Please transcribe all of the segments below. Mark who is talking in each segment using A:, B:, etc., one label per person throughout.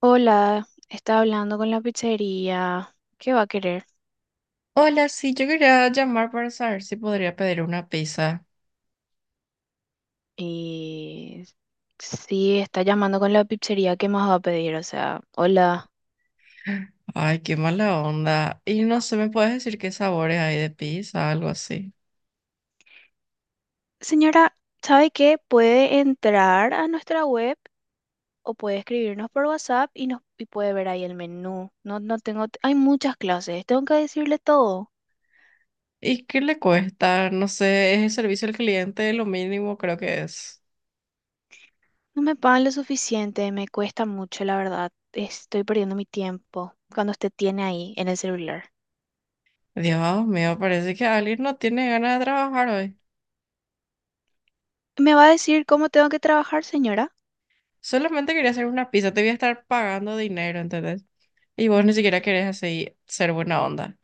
A: Hola, estaba hablando con la pizzería. ¿Qué va a querer?
B: Hola, sí, yo quería llamar para saber si podría pedir una pizza.
A: Y sí, está llamando con la pizzería. ¿Qué más va a pedir? O sea, hola.
B: Ay, qué mala onda. Y no sé, ¿me puedes decir qué sabores hay de pizza, algo así?
A: Señora, ¿sabe qué? Puede entrar a nuestra web o puede escribirnos por WhatsApp y nos y puede ver ahí el menú. No, no tengo, hay muchas clases. Tengo que decirle todo.
B: ¿Y qué le cuesta? No sé, es el servicio al cliente, lo mínimo creo que es.
A: No me pagan lo suficiente. Me cuesta mucho, la verdad. Estoy perdiendo mi tiempo cuando usted tiene ahí en el celular.
B: Dios mío, parece que alguien no tiene ganas de trabajar hoy.
A: ¿Me va a decir cómo tengo que trabajar, señora?
B: Solamente quería hacer una pizza, te voy a estar pagando dinero, ¿entendés? Y vos ni siquiera querés así ser buena onda.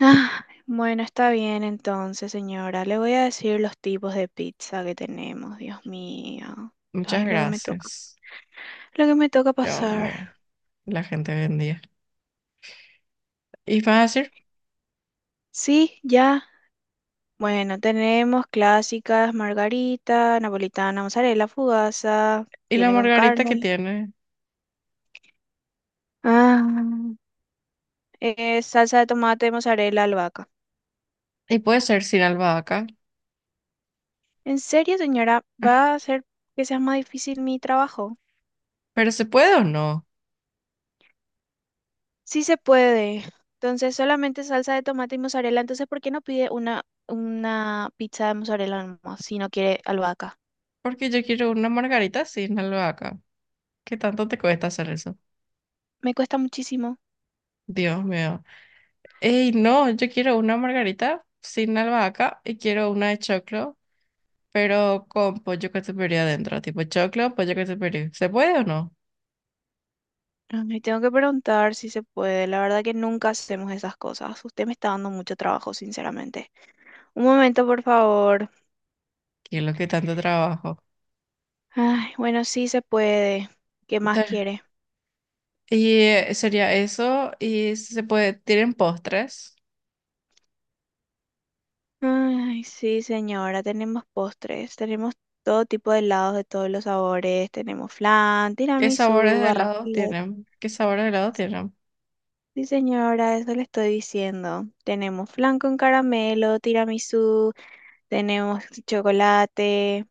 A: Ah, bueno, está bien entonces, señora. Le voy a decir los tipos de pizza que tenemos, Dios mío.
B: Muchas
A: Ay, lo que me toca.
B: gracias.
A: Lo que me toca
B: Dios
A: pasar.
B: mío, la gente vendía. Y vas a decir.
A: Sí, ya. Bueno, tenemos clásicas, margarita, napolitana, mozzarella, fugaza,
B: Y la
A: tiene con
B: margarita que
A: carne.
B: tiene.
A: Ah, salsa de tomate, mozzarella, albahaca.
B: Y puede ser sin albahaca.
A: ¿En serio, señora? ¿Va a hacer que sea más difícil mi trabajo?
B: Pero se puede o no.
A: Sí se puede. Entonces, solamente salsa de tomate y mozzarella. Entonces, ¿por qué no pide una pizza de mozzarella nomás si no quiere albahaca?
B: Porque yo quiero una margarita sin albahaca. ¿Qué tanto te cuesta hacer eso?
A: Me cuesta muchísimo.
B: Dios mío. Ey, no, yo quiero una margarita sin albahaca y quiero una de choclo, pero con pollo catupiry adentro. Tipo choclo, pollo catupiry. ¿Se puede o no?
A: Me tengo que preguntar si se puede. La verdad que nunca hacemos esas cosas. Usted me está dando mucho trabajo, sinceramente. Un momento, por favor.
B: ¿Qué es lo que tanto trabajo?
A: Ay, bueno, sí se puede. ¿Qué más
B: Ta-
A: quiere?
B: Y sería eso. Y se puede, ¿tienen postres?
A: Ay, sí, señora. Tenemos postres. Tenemos todo tipo de helados de todos los sabores. Tenemos flan,
B: ¿Qué sabores
A: tiramisú,
B: de
A: arroz
B: helado
A: con leche.
B: tienen? ¿Qué sabores de helado tienen?
A: Sí, señora, eso le estoy diciendo. Tenemos flan con caramelo, tiramisú, tenemos chocolate,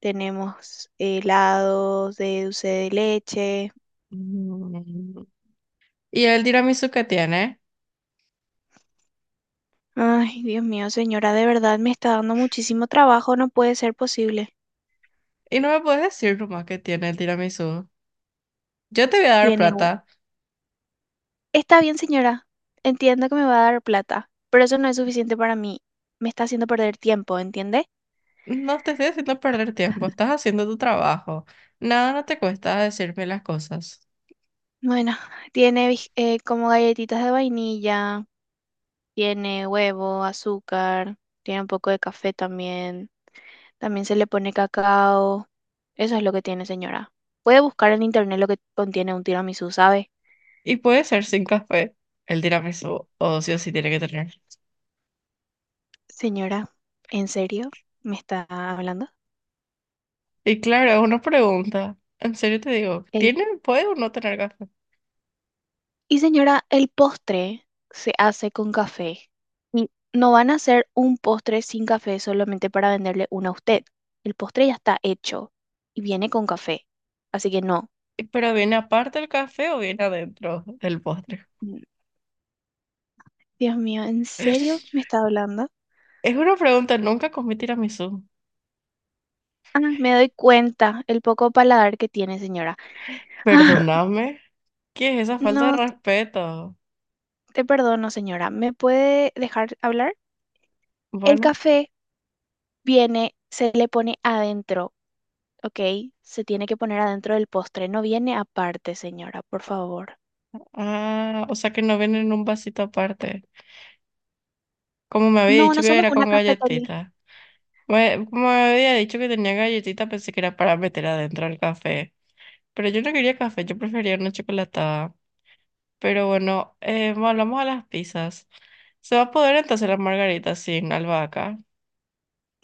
A: tenemos helados de dulce de leche.
B: Mm. ¿Y el tiramisú que tiene?
A: Ay, Dios mío, señora, de verdad me está dando muchísimo trabajo, no puede ser posible.
B: Y no me puedes decir nomás que tiene el tiramisú. Yo te voy a dar
A: Tiene... un-
B: plata.
A: Está bien, señora, entiendo que me va a dar plata, pero eso no es suficiente para mí. Me está haciendo perder tiempo, ¿entiende?
B: No te estoy haciendo perder tiempo, estás haciendo tu trabajo. Nada, no te cuesta decirme las cosas.
A: Bueno, como galletitas de vainilla. Tiene huevo, azúcar, tiene un poco de café también. También se le pone cacao. Eso es lo que tiene, señora. Puede buscar en internet lo que contiene un tiramisú, ¿sabe?
B: Y puede ser sin café. El tiramisú, o sí tiene que tener.
A: Señora, ¿en serio me está hablando?
B: Y claro, uno pregunta. En serio te digo,
A: El...
B: ¿tiene, puede o no tener café?
A: Y señora, el postre se hace con café. Y no van a hacer un postre sin café solamente para venderle uno a usted. El postre ya está hecho y viene con café. Así que no.
B: Y pero viene aparte el café o viene adentro del postre.
A: Mm, Dios mío, ¿en serio me está hablando?
B: Es una pregunta, nunca comí tiramisú.
A: Ah, me doy cuenta el poco paladar que tiene, señora. Ah,
B: Perdóname. ¿Qué es esa falta de
A: no,
B: respeto?
A: te perdono, señora. ¿Me puede dejar hablar? El
B: Bueno,
A: café viene, se le pone adentro, ¿ok? Se tiene que poner adentro del postre, no viene aparte, señora, por favor.
B: ah, o sea que no viene en un vasito aparte. Como me había
A: No,
B: dicho
A: no
B: que
A: somos
B: era
A: una
B: con
A: cafetería.
B: galletita. Como me había dicho que tenía galletita, pensé que era para meter adentro el café. Pero yo no quería café, yo prefería una chocolatada. Pero bueno, volvamos a las pizzas. ¿Se va a poder entonces la margarita sin albahaca?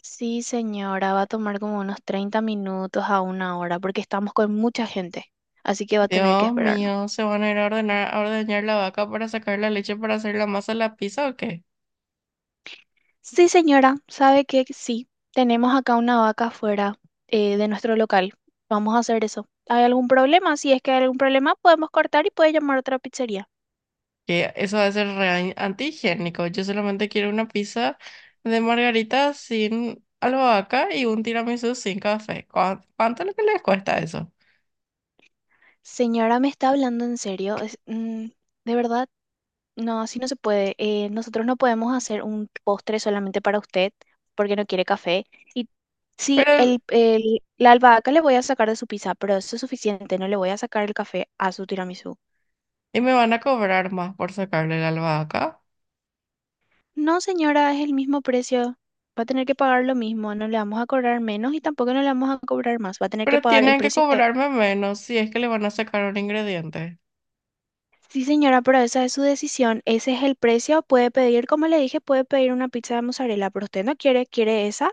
A: Sí, señora, va a tomar como unos 30 minutos a una hora porque estamos con mucha gente, así que va a tener que
B: Dios
A: esperar.
B: mío, ¿se van a ir a ordenar, a ordeñar la vaca para sacar la leche para hacer la masa de la pizza o qué?
A: Sí, señora, sabe que sí, tenemos acá una vaca fuera de nuestro local. Vamos a hacer eso. ¿Hay algún problema? Si es que hay algún problema, podemos cortar y puede llamar a otra pizzería.
B: Que eso va a ser re antihigiénico. Yo solamente quiero una pizza de margarita sin albahaca y un tiramisú sin café. ¿Cuánto es lo que les cuesta eso?
A: Señora, ¿me está hablando en serio? De verdad, no, así no se puede. Nosotros no podemos hacer un postre solamente para usted porque no quiere café. Y sí,
B: Pero, el-
A: la albahaca le voy a sacar de su pizza, pero eso es suficiente. No le voy a sacar el café a su tiramisú.
B: y me van a cobrar más por sacarle la albahaca,
A: No, señora, es el mismo precio. Va a tener que pagar lo mismo. No le vamos a cobrar menos y tampoco no le vamos a cobrar más. Va a tener que
B: pero
A: pagar el
B: tienen que
A: precio que...
B: cobrarme menos si es que le van a sacar un ingrediente.
A: Sí, señora, pero esa es su decisión. Ese es el precio. Puede pedir, como le dije, puede pedir una pizza de mozzarella, pero usted no quiere, quiere esa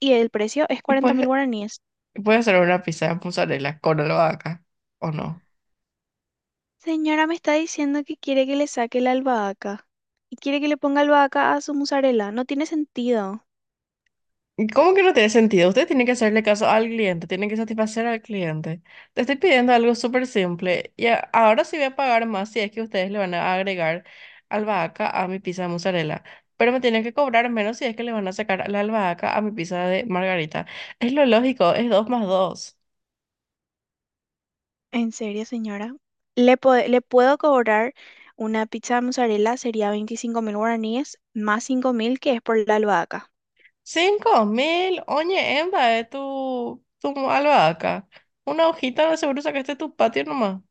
A: y el precio es
B: Y
A: 40.000
B: pues,
A: guaraníes.
B: puede ser una pizza de mozzarella con albahaca, ¿o no?
A: Señora, me está diciendo que quiere que le saque la albahaca y quiere que le ponga albahaca a su mozzarella. No tiene sentido.
B: ¿Cómo que no tiene sentido? Usted tiene que hacerle caso al cliente, tiene que satisfacer al cliente. Te estoy pidiendo algo súper simple y ahora sí voy a pagar más si es que ustedes le van a agregar albahaca a mi pizza de mozzarella, pero me tienen que cobrar menos si es que le van a sacar la albahaca a mi pizza de margarita. Es lo lógico, es dos más dos.
A: En serio, señora. Le puedo cobrar una pizza de mozzarella, sería 25.000 guaraníes, más 5.000 que es por la albahaca.
B: 5.000, oye, emba, de tu albahaca. Una hojita, seguro sacaste tu patio nomás.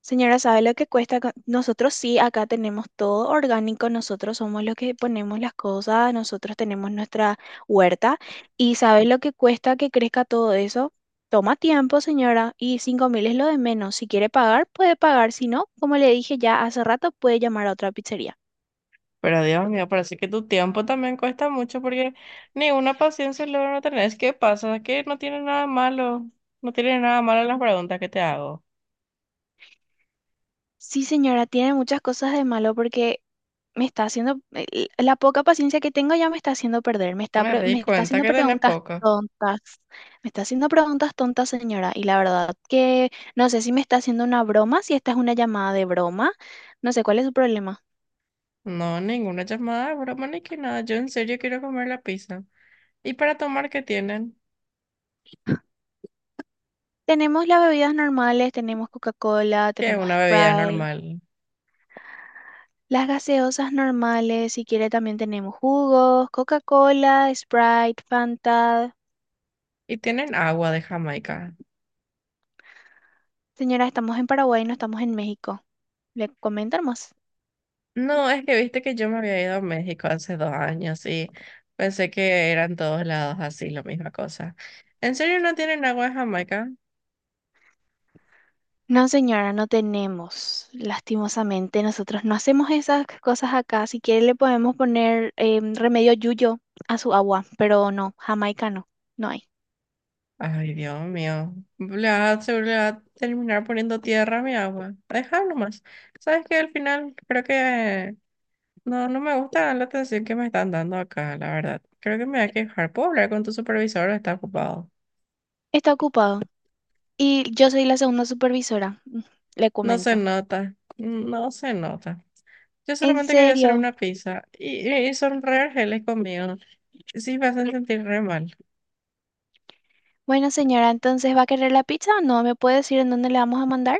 A: Señora, ¿sabe lo que cuesta acá? Nosotros sí, acá tenemos todo orgánico, nosotros somos los que ponemos las cosas, nosotros tenemos nuestra huerta. ¿Y sabe lo que cuesta que crezca todo eso? Toma tiempo, señora, y 5.000 es lo de menos. Si quiere pagar, puede pagar. Si no, como le dije ya hace rato, puede llamar a otra pizzería.
B: Pero Dios mío, parece que tu tiempo también cuesta mucho porque ni una paciencia logra no tener. Es que pasa que no tiene nada malo. No tiene nada malo las preguntas que te hago.
A: Sí, señora, tiene muchas cosas de malo porque me está haciendo, la poca paciencia que tengo ya me está haciendo perder,
B: Me di
A: me está
B: cuenta
A: haciendo
B: que tenés
A: preguntas
B: poca.
A: tontas, me está haciendo preguntas tontas, señora, y la verdad que no sé si me está haciendo una broma, si esta es una llamada de broma, no sé cuál es su problema.
B: No, ninguna llamada, broma ni que nada. Yo en serio quiero comer la pizza. ¿Y para tomar qué tienen?
A: Tenemos las bebidas normales, tenemos Coca-Cola,
B: Que es
A: tenemos
B: una bebida
A: Sprite,
B: normal.
A: las gaseosas normales, si quiere también tenemos jugos, Coca-Cola, Sprite, Fanta.
B: Y tienen agua de Jamaica.
A: Señora, estamos en Paraguay, no estamos en México. ¿Le comentan más?
B: No, es que viste que yo me había ido a México hace 2 años y pensé que eran todos lados así, la misma cosa. ¿En serio no tienen agua de Jamaica?
A: No, señora, no tenemos. Lastimosamente, nosotros no hacemos esas cosas acá. Si quiere, le podemos poner remedio yuyo a su agua, pero no, jamaica no, no hay.
B: Ay, Dios mío. Se le va a terminar poniendo tierra a mi agua. Dejarlo más. Sabes que al final creo que no, no me gusta la atención que me están dando acá, la verdad. Creo que me voy a quejar. ¿Puedo hablar con tu supervisor o está ocupado?
A: Está ocupado. Y yo soy la segunda supervisora, mm, le
B: No se
A: comento.
B: nota. No se nota. Yo
A: ¿En
B: solamente quería hacer
A: serio?
B: una pizza y son re argeles conmigo. Sí, me hacen sentir re mal.
A: Bueno, señora, entonces, ¿va a querer la pizza o no? ¿Me puede decir en dónde le vamos a mandar?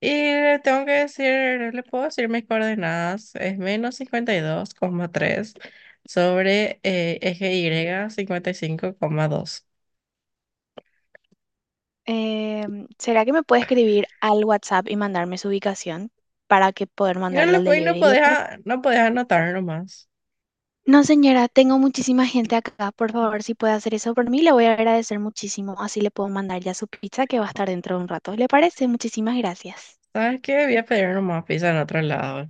B: Y le tengo que decir, no le puedo decir mis coordenadas. Es -52,3 sobre eje Y 55,2.
A: ¿Será que me puede escribir al WhatsApp y mandarme su ubicación para que poder
B: Y no,
A: mandarle al
B: y no
A: delivery?
B: podés, no podés anotar nomás.
A: No, señora, tengo muchísima gente acá. Por favor, si puede hacer eso por mí, le voy a agradecer muchísimo. Así le puedo mandar ya su pizza que va a estar dentro de un rato. ¿Le parece? Muchísimas gracias.
B: ¿Sabes qué? Voy a pedir nomás pizza en otro lado.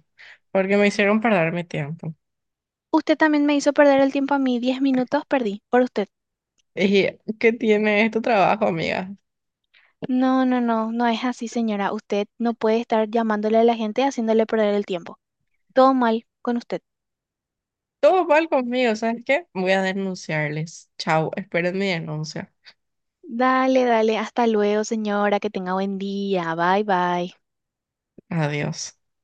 B: Porque me hicieron perder mi tiempo.
A: Usted también me hizo perder el tiempo a mí. 10 minutos perdí por usted.
B: Y ¿qué tiene este trabajo, amiga?
A: No, no, no, no es así, señora. Usted no puede estar llamándole a la gente y haciéndole perder el tiempo. Todo mal con usted.
B: Todo mal conmigo, ¿sabes qué? Voy a denunciarles. Chau, esperen mi denuncia.
A: Dale, dale. Hasta luego, señora. Que tenga buen día. Bye, bye.
B: Adiós.